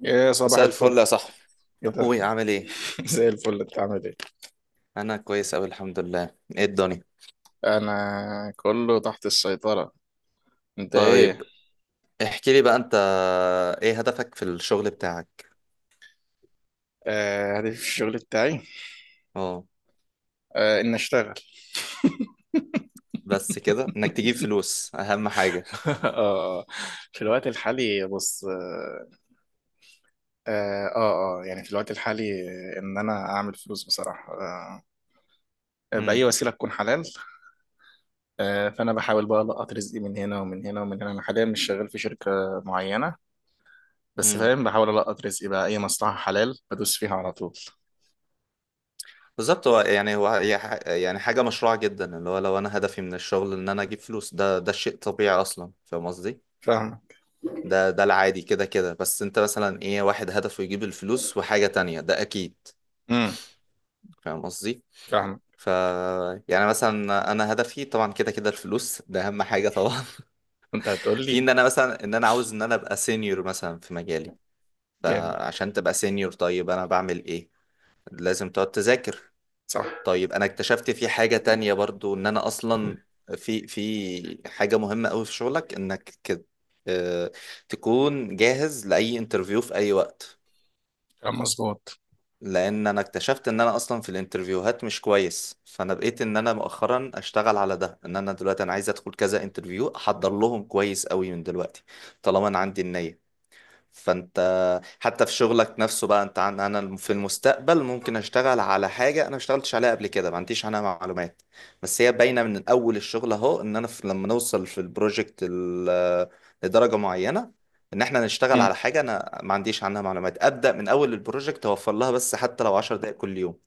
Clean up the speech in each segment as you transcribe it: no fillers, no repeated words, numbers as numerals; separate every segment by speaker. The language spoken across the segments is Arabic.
Speaker 1: يا صباح
Speaker 2: مساء الفل
Speaker 1: الفل.
Speaker 2: يا صاحبي.
Speaker 1: ايه ده؟
Speaker 2: اخوي عامل ايه؟
Speaker 1: زي الفل، انت عامل ايه؟
Speaker 2: انا كويس اوي الحمد لله. ايه الدنيا؟
Speaker 1: انا كله تحت السيطرة. انت ايه؟
Speaker 2: طيب، احكي لي بقى انت، ايه هدفك في الشغل بتاعك؟
Speaker 1: هدفي في الشغل بتاعي،
Speaker 2: اه،
Speaker 1: ان اشتغل.
Speaker 2: بس كده انك تجيب فلوس اهم حاجه؟
Speaker 1: اه في الوقت الحالي، بص، اه يعني في الوقت الحالي، ان انا اعمل فلوس بصراحة، بأي
Speaker 2: امم
Speaker 1: وسيلة تكون حلال. فانا بحاول بقى القط رزقي من هنا ومن هنا ومن هنا. انا حاليا مش شغال في شركة معينة، بس
Speaker 2: امم.
Speaker 1: فاهم، بحاول القط رزقي بقى اي مصلحة حلال بدوس فيها على طول.
Speaker 2: بالظبط، هو يعني يعني حاجه مشروعه جدا، اللي هو لو انا هدفي من الشغل ان انا اجيب فلوس، ده شيء طبيعي اصلا، فاهم قصدي؟
Speaker 1: فاهمك.
Speaker 2: ده العادي كده كده، بس انت مثلا ايه؟ واحد هدفه يجيب الفلوس وحاجه تانية، ده اكيد.
Speaker 1: امم.
Speaker 2: فاهم قصدي؟
Speaker 1: فاهمك.
Speaker 2: ف يعني مثلا انا هدفي طبعا كده كده الفلوس، ده اهم حاجه طبعا.
Speaker 1: انت هتقول
Speaker 2: في
Speaker 1: لي.
Speaker 2: ان انا مثلا ان انا عاوز ان انا ابقى سينيور مثلا في مجالي.
Speaker 1: جامد.
Speaker 2: فعشان تبقى سينيور، طيب انا بعمل ايه؟ لازم تقعد تذاكر.
Speaker 1: صح.
Speaker 2: طيب انا اكتشفت في حاجه تانية برضو، ان انا اصلا في حاجه مهمه قوي في شغلك، انك كده آه، تكون جاهز لاي انترفيو في اي وقت.
Speaker 1: كان مظبوط.
Speaker 2: لان انا اكتشفت ان انا اصلا في الانترفيوهات مش كويس، فانا بقيت ان انا مؤخرا اشتغل على ده، ان انا دلوقتي انا عايز ادخل كذا انترفيو، احضر لهم كويس قوي من دلوقتي طالما انا عندي النية. فانت حتى في شغلك نفسه بقى انت، عن انا في المستقبل ممكن اشتغل على حاجه انا ما اشتغلتش عليها قبل كده، ما عنديش عنها معلومات، بس هي باينه من اول الشغل اهو، ان انا في لما نوصل في لدرجه معينه ان احنا نشتغل
Speaker 1: مم.
Speaker 2: على حاجه انا ما عنديش عنها معلومات ابدا، من اول البروجكت اوفر لها بس حتى لو 10 دقائق كل يوم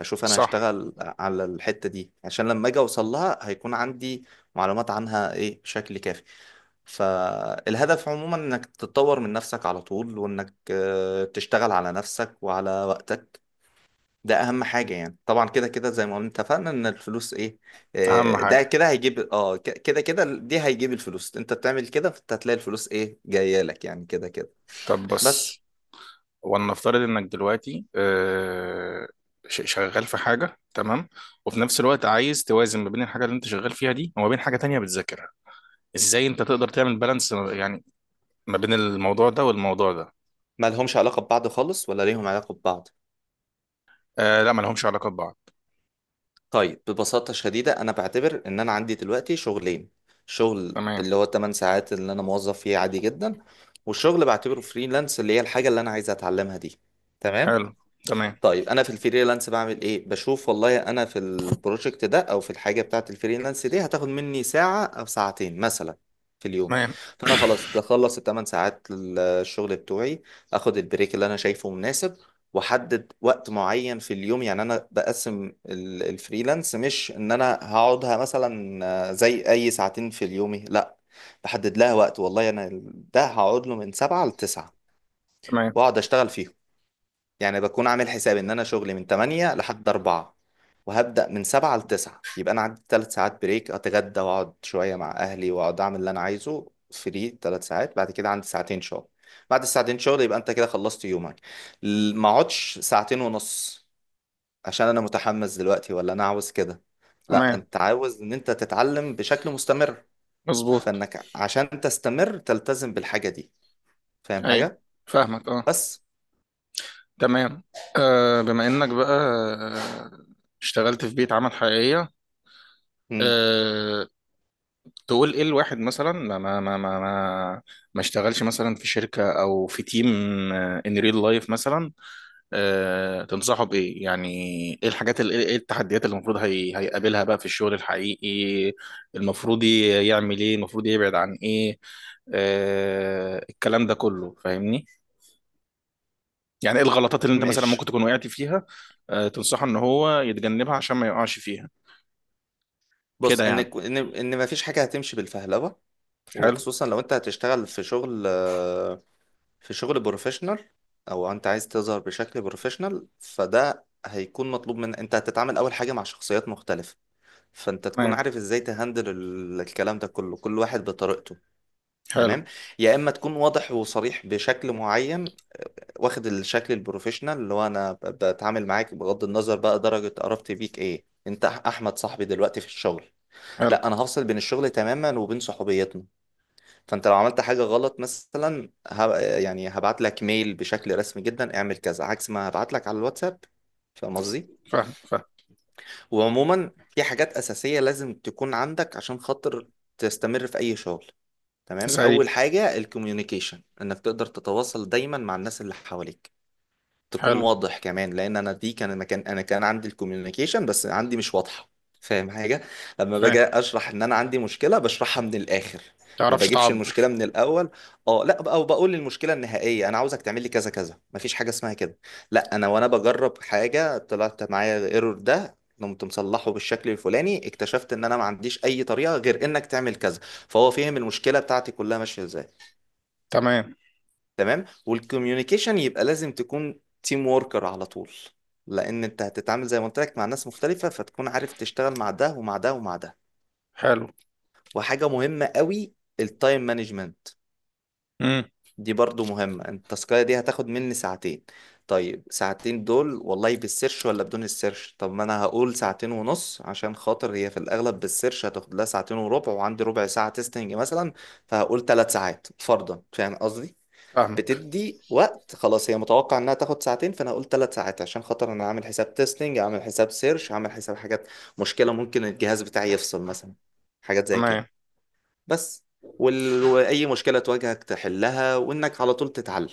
Speaker 2: اشوف انا
Speaker 1: صح.
Speaker 2: هشتغل على الحته دي، عشان لما اجي اوصل لها هيكون عندي معلومات عنها ايه بشكل كافي. فالهدف عموما انك تتطور من نفسك على طول، وانك تشتغل على نفسك وعلى وقتك. ده اهم حاجة يعني. طبعا كده كده زي ما قلنا اتفقنا ان الفلوس ايه،
Speaker 1: اهم حاجه.
Speaker 2: ده كده هيجيب كده كده دي هيجيب الفلوس. انت بتعمل كده فانت هتلاقي الفلوس ايه، جاية لك يعني كده كده.
Speaker 1: طب
Speaker 2: بس
Speaker 1: بص، ولنفترض انك دلوقتي شغال في حاجه، تمام، وفي نفس الوقت عايز توازن ما بين الحاجه اللي انت شغال فيها دي وما بين حاجه تانية بتذاكرها. ازاي انت تقدر تعمل بالانس يعني ما بين الموضوع ده والموضوع ده؟
Speaker 2: ما لهمش علاقة ببعض خالص، ولا ليهم علاقة ببعض؟
Speaker 1: آه لا، ما لهمش علاقه ببعض.
Speaker 2: طيب، ببساطة شديدة أنا بعتبر إن أنا عندي دلوقتي شغلين، شغل
Speaker 1: تمام.
Speaker 2: اللي هو 8 ساعات اللي أنا موظف فيه عادي جدا، والشغل بعتبره فريلانس اللي هي الحاجة اللي أنا عايز أتعلمها دي. تمام.
Speaker 1: حلو. تمام.
Speaker 2: طيب انا في الفريلانس بعمل ايه؟ بشوف والله انا في البروجكت ده او في الحاجه بتاعه الفريلانس دي هتاخد مني ساعه او ساعتين مثلا في اليوم،
Speaker 1: تمام.
Speaker 2: فانا خلاص بخلص الثمان ساعات الشغل بتوعي، اخد البريك اللي انا شايفه مناسب، واحدد وقت معين في اليوم. يعني انا بقسم الفريلانس، مش ان انا هقعدها مثلا زي اي ساعتين في اليومي، لا، بحدد لها وقت، والله انا ده هقعد له من سبعة لتسعة
Speaker 1: تمام.
Speaker 2: واقعد اشتغل فيهم. يعني بكون عامل حساب ان انا شغلي من 8 لحد 4، وهبدأ من 7 ل 9، يبقى انا عندي 3 ساعات بريك اتغدى واقعد شوية مع اهلي واقعد اعمل اللي انا عايزه فري 3 ساعات، بعد كده عندي ساعتين شغل. بعد الساعتين شغل يبقى انت كده خلصت يومك. ما اقعدش ساعتين ونص عشان انا متحمس دلوقتي، ولا انا عاوز كده، لا،
Speaker 1: تمام.
Speaker 2: انت عاوز ان انت تتعلم بشكل مستمر،
Speaker 1: مظبوط.
Speaker 2: فانك عشان تستمر تلتزم بالحاجة دي. فاهم
Speaker 1: ايوه،
Speaker 2: حاجة؟
Speaker 1: فاهمك. اه.
Speaker 2: بس.
Speaker 1: تمام. آه بما انك بقى اشتغلت في بيئة عمل حقيقية،
Speaker 2: مم.
Speaker 1: آه، تقول ايه الواحد مثلا ما اشتغلش مثلا في شركة او في تيم، ان ريل لايف مثلا؟ آه، تنصحه بايه يعني؟ ايه الحاجات ايه التحديات اللي المفروض هي هيقابلها بقى في الشغل الحقيقي؟ المفروض يعمل ايه؟ المفروض يبعد عن ايه؟ آه، الكلام ده كله، فاهمني؟ يعني ايه الغلطات اللي انت مثلا ممكن
Speaker 2: ماشي.
Speaker 1: تكون وقعت فيها تنصحه ان هو يتجنبها عشان ما يقعش فيها؟
Speaker 2: بص،
Speaker 1: كده
Speaker 2: ان
Speaker 1: يعني.
Speaker 2: كو- ان ان ما فيش حاجه هتمشي بالفهلوه،
Speaker 1: حلو.
Speaker 2: وخصوصا لو انت هتشتغل في شغل في شغل بروفيشنال، او انت عايز تظهر بشكل بروفيشنال، فده هيكون مطلوب. من انت هتتعامل اول حاجه مع شخصيات مختلفه، فانت تكون
Speaker 1: تمام.
Speaker 2: عارف ازاي تهندل الكلام ده كله، كل واحد بطريقته.
Speaker 1: حلو.
Speaker 2: تمام، يا اما تكون واضح وصريح بشكل معين، واخد الشكل البروفيشنال اللي هو انا بتعامل معاك بغض النظر بقى درجه قرابتي بيك ايه. انت احمد صاحبي، دلوقتي في الشغل
Speaker 1: حلو.
Speaker 2: لا، انا هفصل بين الشغل تماما وبين صحوبيتنا. فانت لو عملت حاجه غلط مثلا يعني هبعت لك ميل بشكل رسمي جدا اعمل كذا، عكس ما هبعت لك على الواتساب. فاهم قصدي؟
Speaker 1: فاهم
Speaker 2: وعموما في حاجات اساسيه لازم تكون عندك عشان خاطر تستمر في اي شغل. تمام،
Speaker 1: زي
Speaker 2: اول حاجه الكوميونيكيشن، انك تقدر تتواصل دايما مع الناس اللي حواليك، تكون
Speaker 1: حلو
Speaker 2: واضح كمان. لان انا دي كان مكان انا كان عندي الكوميونيكيشن بس عندي مش واضحه. فاهم حاجه؟ لما باجي
Speaker 1: فاهم
Speaker 2: اشرح ان انا عندي مشكله، بشرحها من الاخر، ما
Speaker 1: تعرفش
Speaker 2: بجيبش المشكله
Speaker 1: تعبر.
Speaker 2: من الاول. اه لا، او بقول المشكله النهائيه انا عاوزك تعمل لي كذا كذا، مفيش حاجه اسمها كده، لا، انا وانا بجرب حاجه طلعت معايا ايرور، ده قمت مصلحه بالشكل الفلاني، اكتشفت ان انا ما عنديش اي طريقه غير انك تعمل كذا، فهو فهم المشكله بتاعتي كلها ماشيه ازاي.
Speaker 1: تمام.
Speaker 2: تمام، والكوميونيكيشن. يبقى لازم تكون تيم ووركر على طول، لان انت هتتعامل زي ما قلت لك مع ناس مختلفة، فتكون عارف تشتغل مع ده ومع ده ومع ده.
Speaker 1: حلو.
Speaker 2: وحاجة مهمة قوي، التايم مانجمنت،
Speaker 1: امم.
Speaker 2: دي برضو مهمة. انت التاسكاية دي هتاخد مني ساعتين، طيب ساعتين دول والله بالسيرش ولا بدون السيرش؟ طب ما انا هقول ساعتين ونص عشان خاطر هي في الاغلب بالسيرش هتاخد لها ساعتين وربع، وعندي ربع ساعة تيستنج مثلا، فهقول ثلاث ساعات فرضا. فاهم قصدي؟
Speaker 1: فاهمك.
Speaker 2: بتدي وقت خلاص، هي متوقع انها تاخد ساعتين فانا هقول ثلاث ساعات عشان خاطر انا عامل حساب تيستنج، عامل حساب سيرش، عامل حساب حاجات، مشكلة ممكن الجهاز بتاعي يفصل مثلا، حاجات زي كده.
Speaker 1: تمام.
Speaker 2: بس. وال- واي مشكلة تواجهك تحلها، وانك على طول تتعلم.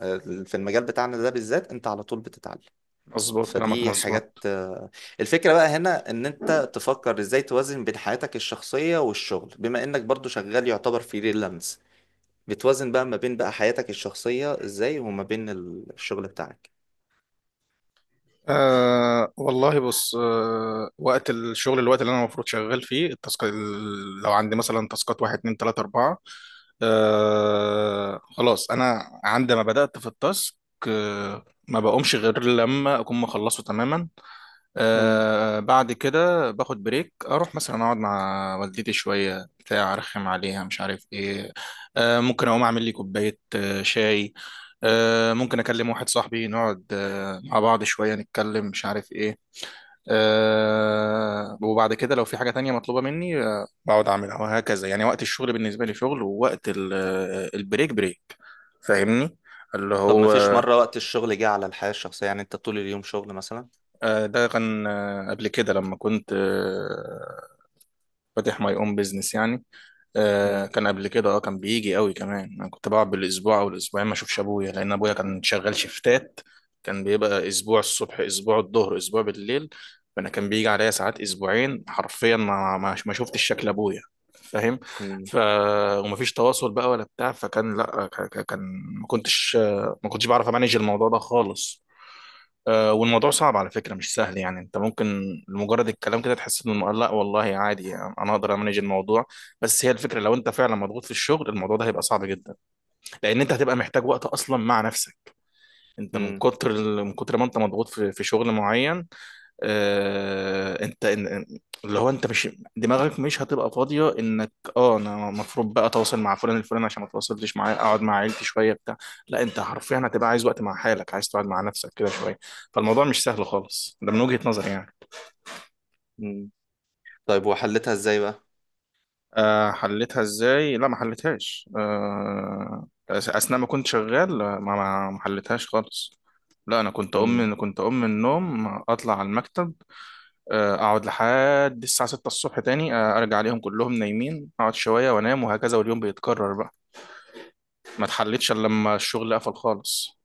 Speaker 2: في المجال بتاعنا ده بالذات انت على طول بتتعلم.
Speaker 1: مظبوط كلامك،
Speaker 2: فدي حاجات.
Speaker 1: مظبوط.
Speaker 2: الفكرة بقى هنا ان انت تفكر ازاي توازن بين حياتك الشخصية والشغل، بما انك برضو شغال يعتبر فريلانس، بتوازن بقى ما بين بقى حياتك الشخصية ازاي، وما بين الشغل بتاعك.
Speaker 1: أه والله بص، أه، وقت الشغل الوقت اللي انا المفروض شغال فيه، التاسك لو عندي مثلا تاسكات واحد اتنين تلاته اربعه، أه خلاص انا عندما بدأت في التاسك، أه ما بقومش غير لما اكون مخلصه تماما.
Speaker 2: مم.
Speaker 1: آه بعد كده باخد بريك، اروح مثلا اقعد مع والدتي شويه بتاع، ارخم عليها مش عارف ايه. آه ممكن اقوم اعمل لي كوبايه آه شاي، آه ممكن اكلم واحد صاحبي نقعد آه مع بعض شويه نتكلم مش عارف ايه. آه وبعد كده لو في حاجه تانية مطلوبه مني آه بقعد اعملها وهكذا. يعني وقت الشغل بالنسبه لي شغل، ووقت البريك بريك. فاهمني؟ اللي
Speaker 2: طب ما
Speaker 1: هو
Speaker 2: فيش مرة وقت الشغل جه على الحياة الشخصية، يعني انت طول اليوم شغل مثلا؟
Speaker 1: ده كان قبل كده لما كنت فاتح ماي اون بيزنس يعني. آه
Speaker 2: مم.
Speaker 1: كان قبل كده، اه كان بيجي قوي كمان. انا كنت بقعد بالاسبوع او الاسبوعين ما اشوفش ابويا، لان ابويا كان شغال شيفتات. كان بيبقى اسبوع الصبح، اسبوع الظهر، اسبوع بالليل. فانا كان بيجي عليا ساعات اسبوعين حرفيا ما شفتش شكل ابويا. فاهم؟
Speaker 2: مم.
Speaker 1: ف ومفيش تواصل بقى ولا بتاع. فكان لا، كان ما كنتش بعرف امانج الموضوع ده خالص. والموضوع صعب على فكرة، مش سهل. يعني انت ممكن لمجرد الكلام كده تحس انه لا والله عادي يعني انا اقدر امانج الموضوع، بس هي الفكرة لو انت فعلا مضغوط في الشغل، الموضوع ده هيبقى صعب جدا. لان انت هتبقى محتاج وقت اصلا مع نفسك. انت من
Speaker 2: مم.
Speaker 1: كتر من كتر ما انت مضغوط في شغل معين، انت اللي هو انت مش، دماغك مش هتبقى فاضيه انك اه انا المفروض بقى اتواصل مع فلان الفلاني عشان ما اتواصلتش معاه، اقعد مع عيلتي شويه بتاع. لا، انت حرفيا هتبقى عايز وقت مع حالك، عايز تقعد مع نفسك كده شويه. فالموضوع مش سهل خالص ده من وجهه نظري يعني.
Speaker 2: مم. طيب، وحلتها ازاي بقى؟
Speaker 1: أه حلتها ازاي؟ لا ما حلتهاش. أه اثناء ما كنت شغال ما ما ما حلتهاش خالص. لا انا كنت اقوم
Speaker 2: مم.
Speaker 1: من النوم اطلع على المكتب، اقعد لحد الساعه 6 الصبح تاني، ارجع عليهم كلهم نايمين، اقعد شويه وانام، وهكذا واليوم بيتكرر بقى. ما اتحلتش الا لما الشغل قفل خالص.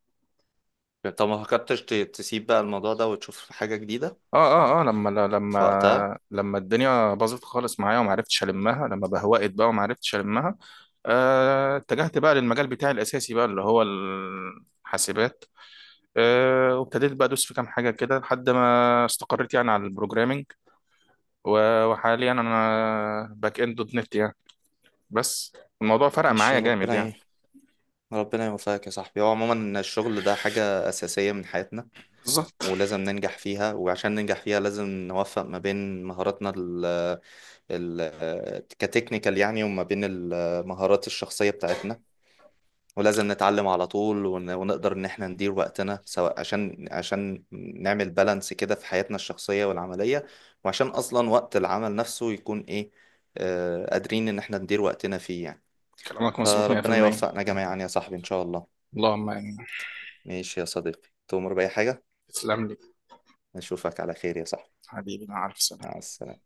Speaker 2: طب ما فكرتش تسيب بقى الموضوع ده وتشوف حاجة جديدة؟
Speaker 1: اه اه لما
Speaker 2: في وقتها.
Speaker 1: الدنيا باظت خالص معايا وما عرفتش المها، لما بهوقت بقى وما عرفتش المها، اتجهت بقى للمجال بتاعي الاساسي بقى اللي هو الحاسبات. وابتديت بقى ادوس في كام حاجه كده لحد ما استقريت يعني على البروجرامينج. وحاليا انا باك اند دوت نت يعني. بس الموضوع فرق
Speaker 2: ماشي،
Speaker 1: معايا جامد
Speaker 2: ربنا
Speaker 1: يعني.
Speaker 2: ايه، ربنا يوفقك يا صاحبي. هو عموما إن الشغل ده حاجة أساسية من حياتنا،
Speaker 1: بالظبط،
Speaker 2: ولازم ننجح فيها، وعشان ننجح فيها لازم نوفق ما بين مهاراتنا كتكنيكال يعني، وما بين المهارات الشخصية بتاعتنا، ولازم نتعلم على طول، ون- ونقدر ان احنا ندير وقتنا سواء عشان عشان نعمل بالانس كده في حياتنا الشخصية والعملية، وعشان اصلا وقت العمل نفسه يكون ايه، قادرين ان احنا ندير وقتنا فيه يعني.
Speaker 1: كلامك مظبوط
Speaker 2: فربنا
Speaker 1: 100%.
Speaker 2: يوفقنا جميعا يا صاحبي ان شاء الله.
Speaker 1: اللهم يعني.
Speaker 2: ماشي يا صديقي، تؤمر بأي حاجة.
Speaker 1: تسلم لي.
Speaker 2: نشوفك على خير يا صاحبي.
Speaker 1: حبيبي مع ألف سلامة.
Speaker 2: مع السلامة.